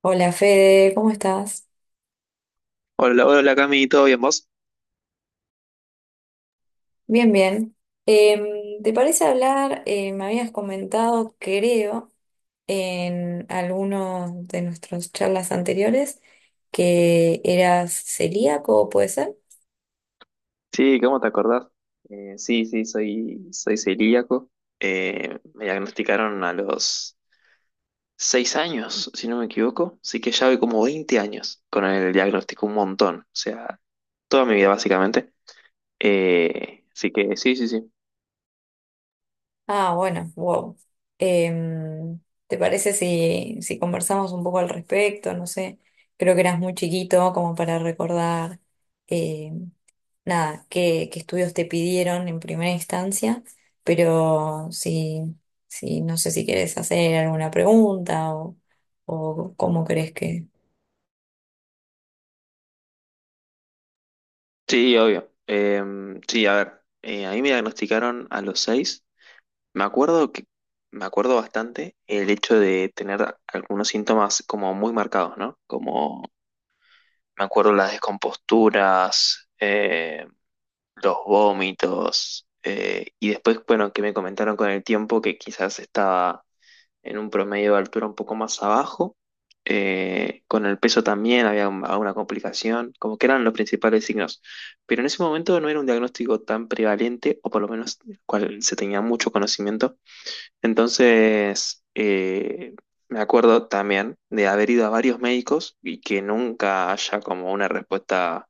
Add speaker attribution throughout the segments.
Speaker 1: Hola Fede, ¿cómo estás?
Speaker 2: Hola, hola Cami, ¿todo bien vos?
Speaker 1: Bien, bien. ¿Te parece hablar? Me habías comentado, creo, en algunos de nuestras charlas anteriores que eras celíaco, ¿puede ser?
Speaker 2: Sí, ¿cómo te acordás? Sí, soy celíaco. Me diagnosticaron a los 6 años, si no me equivoco. Así que ya voy como 20 años con el diagnóstico, un montón. O sea, toda mi vida básicamente. Así que sí, sí, sí.
Speaker 1: Ah, bueno, wow. Em, ¿Te parece si conversamos un poco al respecto? No sé, creo que eras muy chiquito como para recordar eh, nada, qué estudios te pidieron en primera instancia, pero si no sé si quieres hacer alguna pregunta o cómo crees que...
Speaker 2: Sí, obvio. Sí, a ver. A mí me diagnosticaron a los seis. Me acuerdo que, Me acuerdo bastante el hecho de tener algunos síntomas como muy marcados, ¿no? Como me acuerdo las descomposturas, los vómitos, y después, bueno, que me comentaron con el tiempo que quizás estaba en un promedio de altura un poco más abajo. Con el peso también había alguna complicación, como que eran los principales signos. Pero en ese momento no era un diagnóstico tan prevalente, o por lo menos del cual se tenía mucho conocimiento. Entonces, me acuerdo también de haber ido a varios médicos y que nunca haya como una respuesta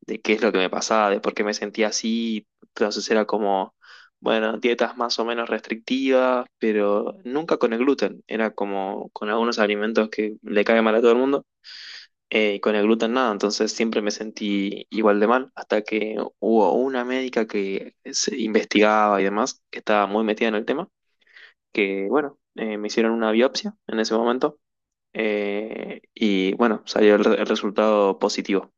Speaker 2: de qué es lo que me pasaba, de por qué me sentía así. Entonces era como, bueno, dietas más o menos restrictivas, pero nunca con el gluten. Era como con algunos alimentos que le caen mal a todo el mundo. Y con el gluten nada, entonces siempre me sentí igual de mal, hasta que hubo una médica que se investigaba y demás, que estaba muy metida en el tema, que, bueno, me hicieron una biopsia en ese momento y, bueno, salió el resultado positivo.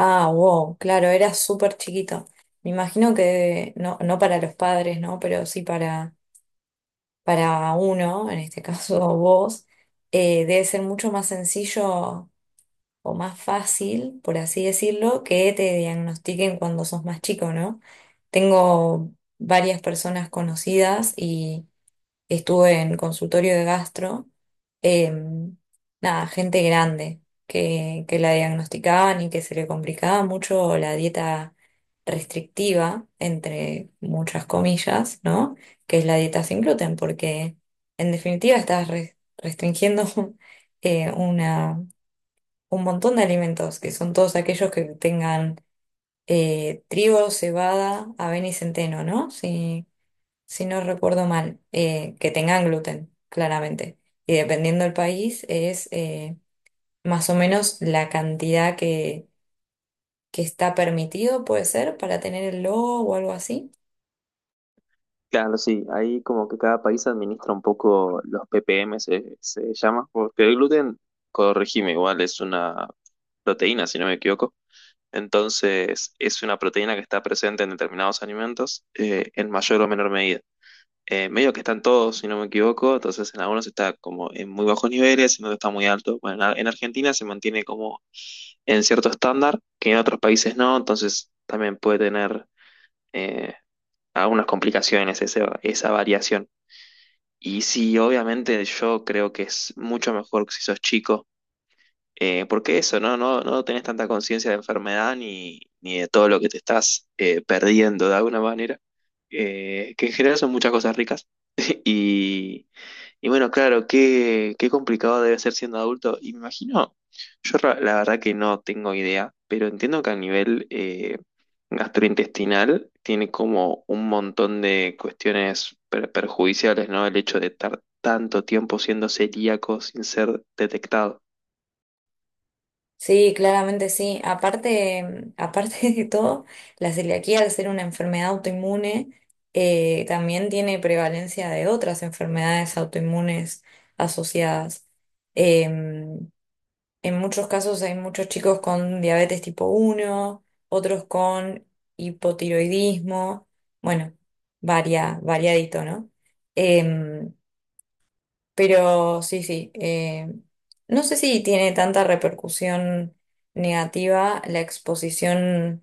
Speaker 1: Ah, wow, claro, era súper chiquito. Me imagino que no para los padres, ¿no? Pero sí para uno, en este caso vos, debe ser mucho más sencillo o más fácil, por así decirlo, que te diagnostiquen cuando sos más chico, ¿no? Tengo varias personas conocidas y estuve en consultorio de gastro, em, nada, gente grande que la diagnosticaban y que se le complicaba mucho la dieta restrictiva, entre muchas comillas, ¿no? Que es la dieta sin gluten, porque en definitiva estás restringiendo una un montón de alimentos, que son todos aquellos que tengan trigo, cebada, avena y centeno, ¿no? Si, si no recuerdo mal, que tengan gluten, claramente. Y dependiendo del país, es más o menos la cantidad que está permitido, puede ser, para tener el logo o algo así.
Speaker 2: Claro, sí, ahí como que cada país administra un poco los ppm, se llama, porque el gluten, corregime, igual es una proteína, si no me equivoco. Entonces, es una proteína que está presente en determinados alimentos en mayor o menor medida. Medio que están todos, si no me equivoco, entonces en algunos está como en muy bajos niveles, en otros está muy alto. Bueno, en Argentina se mantiene como en cierto estándar que en otros países no, entonces también puede tener eh, algunas complicaciones esa variación. Y sí, obviamente yo creo que es mucho mejor que si sos chico, porque eso, ¿no? No, no tenés tanta conciencia de enfermedad ni, ni de todo lo que te estás perdiendo de alguna manera, que en general son muchas cosas ricas. Y, y bueno, claro, qué complicado debe ser siendo adulto. Y me imagino, la verdad que no tengo idea, pero entiendo que a nivel gastrointestinal tiene como un montón de cuestiones perjudiciales, ¿no? El hecho de estar tanto tiempo siendo celíaco sin ser detectado.
Speaker 1: Sí, claramente sí. Aparte, aparte de todo, la celiaquía, al ser una enfermedad autoinmune, también tiene prevalencia de otras enfermedades autoinmunes asociadas. Eh, en muchos casos hay muchos chicos con diabetes tipo uno, otros con hipotiroidismo, bueno, variadito, ¿no? Em, pero sí, sí. No sé si tiene tanta repercusión negativa la exposición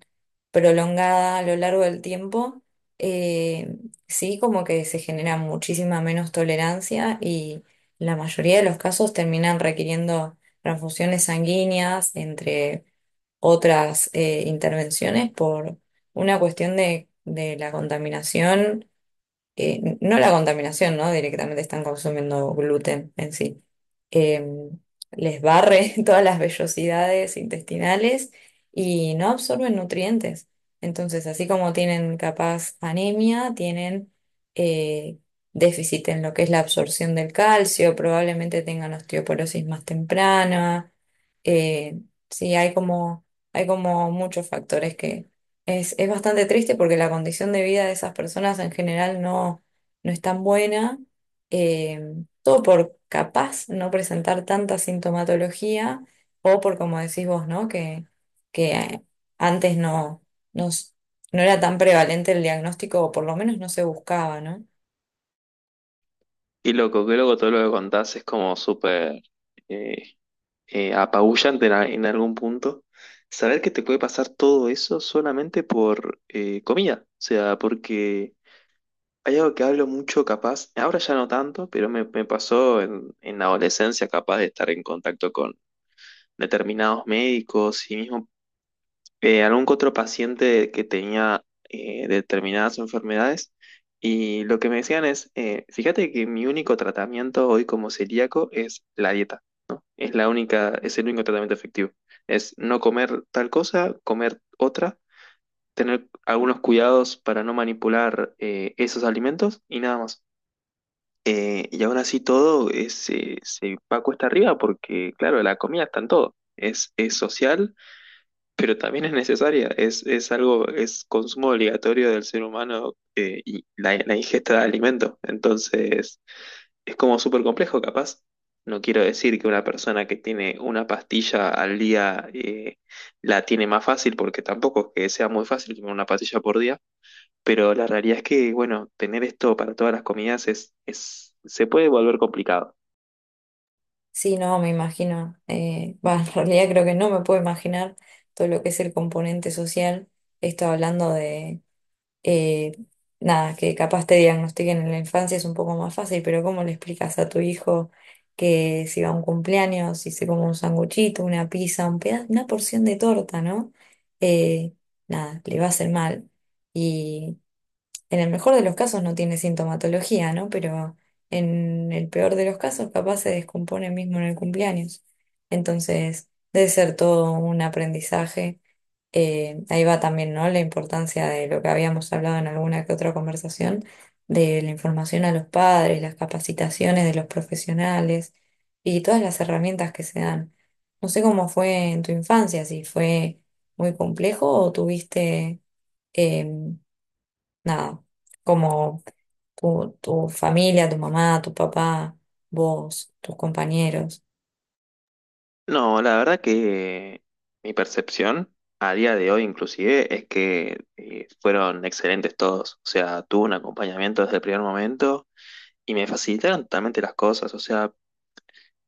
Speaker 1: prolongada a lo largo del tiempo. eh, sí, como que se genera muchísima menos tolerancia y la mayoría de los casos terminan requiriendo transfusiones sanguíneas, entre otras intervenciones, por una cuestión de la contaminación, no la contaminación, ¿no? Directamente están consumiendo gluten en sí. Eh, Les barre todas las vellosidades intestinales y no absorben nutrientes. Entonces, así como tienen capaz anemia, tienen eh, déficit en lo que es la absorción del calcio, probablemente tengan osteoporosis más temprana. Eh, sí, hay como muchos factores que es bastante triste porque la condición de vida de esas personas en general no es tan buena. eh, Todo por capaz no presentar tanta sintomatología o por, como decís vos, ¿no? Que antes no, s- no era tan prevalente el diagnóstico o por lo menos no se buscaba, ¿no?
Speaker 2: Y loco, que luego todo lo que contás es como súper eh, apabullante en algún punto. Saber que te puede pasar todo eso solamente por comida. O sea, porque hay algo que hablo mucho, capaz, ahora ya no tanto, pero me pasó en la adolescencia, capaz de estar en contacto con determinados médicos y mismo algún que otro paciente que tenía determinadas enfermedades. Y lo que me decían es, fíjate que mi único tratamiento hoy como celíaco es la dieta. Es la única, es el único tratamiento efectivo. Es no comer tal cosa, comer otra, tener algunos cuidados para no manipular esos alimentos y nada más. Y aún así todo es, se va cuesta arriba porque, claro, la comida está en todo. Es social, pero también es necesaria. Es algo, es consumo obligatorio del ser humano y la ingesta de alimento. Entonces, es como súper complejo, capaz. No quiero decir que una persona que tiene una pastilla al día la tiene más fácil, porque tampoco es que sea muy fácil tomar una pastilla por día, pero la realidad es que, bueno, tener esto para todas las comidas es, se puede volver complicado.
Speaker 1: Sí, no, me imagino. Bah, en realidad creo que no me puedo imaginar todo lo que es el componente social. Esto hablando de eh, nada, que capaz te diagnostiquen en la infancia es un poco más fácil, pero ¿cómo le explicas a tu hijo que si va a un cumpleaños, si se come un sanguchito, una pizza, un una porción de torta, ¿no? Eh, Nada, le va a hacer mal. Y en el mejor de los casos no tiene sintomatología, ¿no? Pero en el peor de los casos capaz se descompone mismo en el cumpleaños. Entonces, debe ser todo un aprendizaje, ahí va también, ¿no? La importancia de lo que habíamos hablado en alguna que otra conversación, de la información a los padres, las capacitaciones de los profesionales y todas las herramientas que se dan. No sé cómo fue en tu infancia, si fue muy complejo o tuviste, eh, nada, como tu familia, tu mamá, tu papá, vos, tus compañeros.
Speaker 2: No, la verdad que mi percepción a día de hoy inclusive es que fueron excelentes todos. O sea, tuve un acompañamiento desde el primer momento y me facilitaron totalmente las cosas. O sea,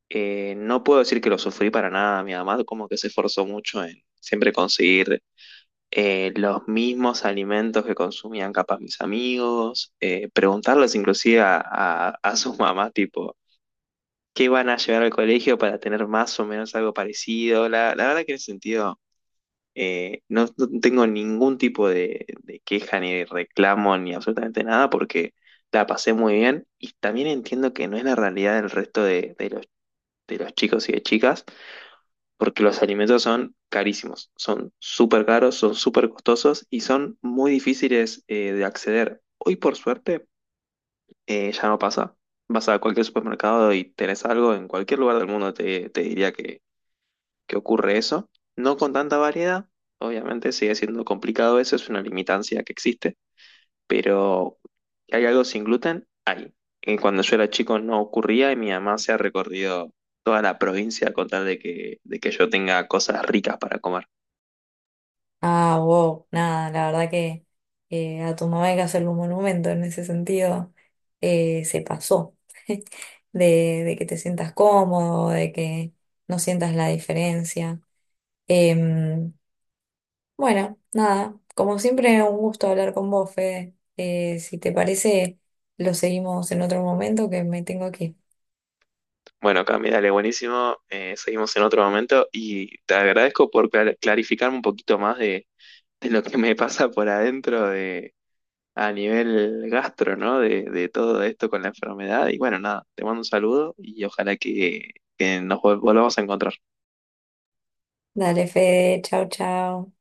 Speaker 2: no puedo decir que lo sufrí para nada. Mi mamá como que se esforzó mucho en siempre conseguir los mismos alimentos que consumían capaz mis amigos, preguntarles inclusive a, a sus mamás, tipo, ¿qué van a llevar al colegio para tener más o menos algo parecido? La verdad que en ese sentido no tengo ningún tipo de queja ni de reclamo ni absolutamente nada porque la pasé muy bien y también entiendo que no es la realidad del resto de los chicos y de chicas porque los alimentos son carísimos, son súper caros, son súper costosos y son muy difíciles de acceder. Hoy por suerte ya no pasa. Vas a cualquier supermercado y tenés algo, en cualquier lugar del mundo te diría que ocurre eso. No con tanta variedad, obviamente sigue siendo complicado eso, es una limitancia que existe, pero hay algo sin gluten. Cuando yo era chico no ocurría y mi mamá se ha recorrido toda la provincia con tal de que yo tenga cosas ricas para comer.
Speaker 1: Ah, wow, nada, la verdad que a tu mamá hay que hacerle un monumento en ese sentido. Se pasó de que te sientas cómodo, de que no sientas la diferencia. Em, bueno, nada, como siempre, un gusto hablar con vos, Fede. Si te parece, lo seguimos en otro momento que me tengo que ir.
Speaker 2: Bueno, Cami, dale, buenísimo. Seguimos en otro momento y te agradezco por clarificarme un poquito más de lo que me pasa por adentro de, a nivel gastro, ¿no? De todo esto con la enfermedad. Y bueno, nada, te mando un saludo y ojalá que nos volvamos a encontrar.
Speaker 1: Dale, Fede, chao, chao.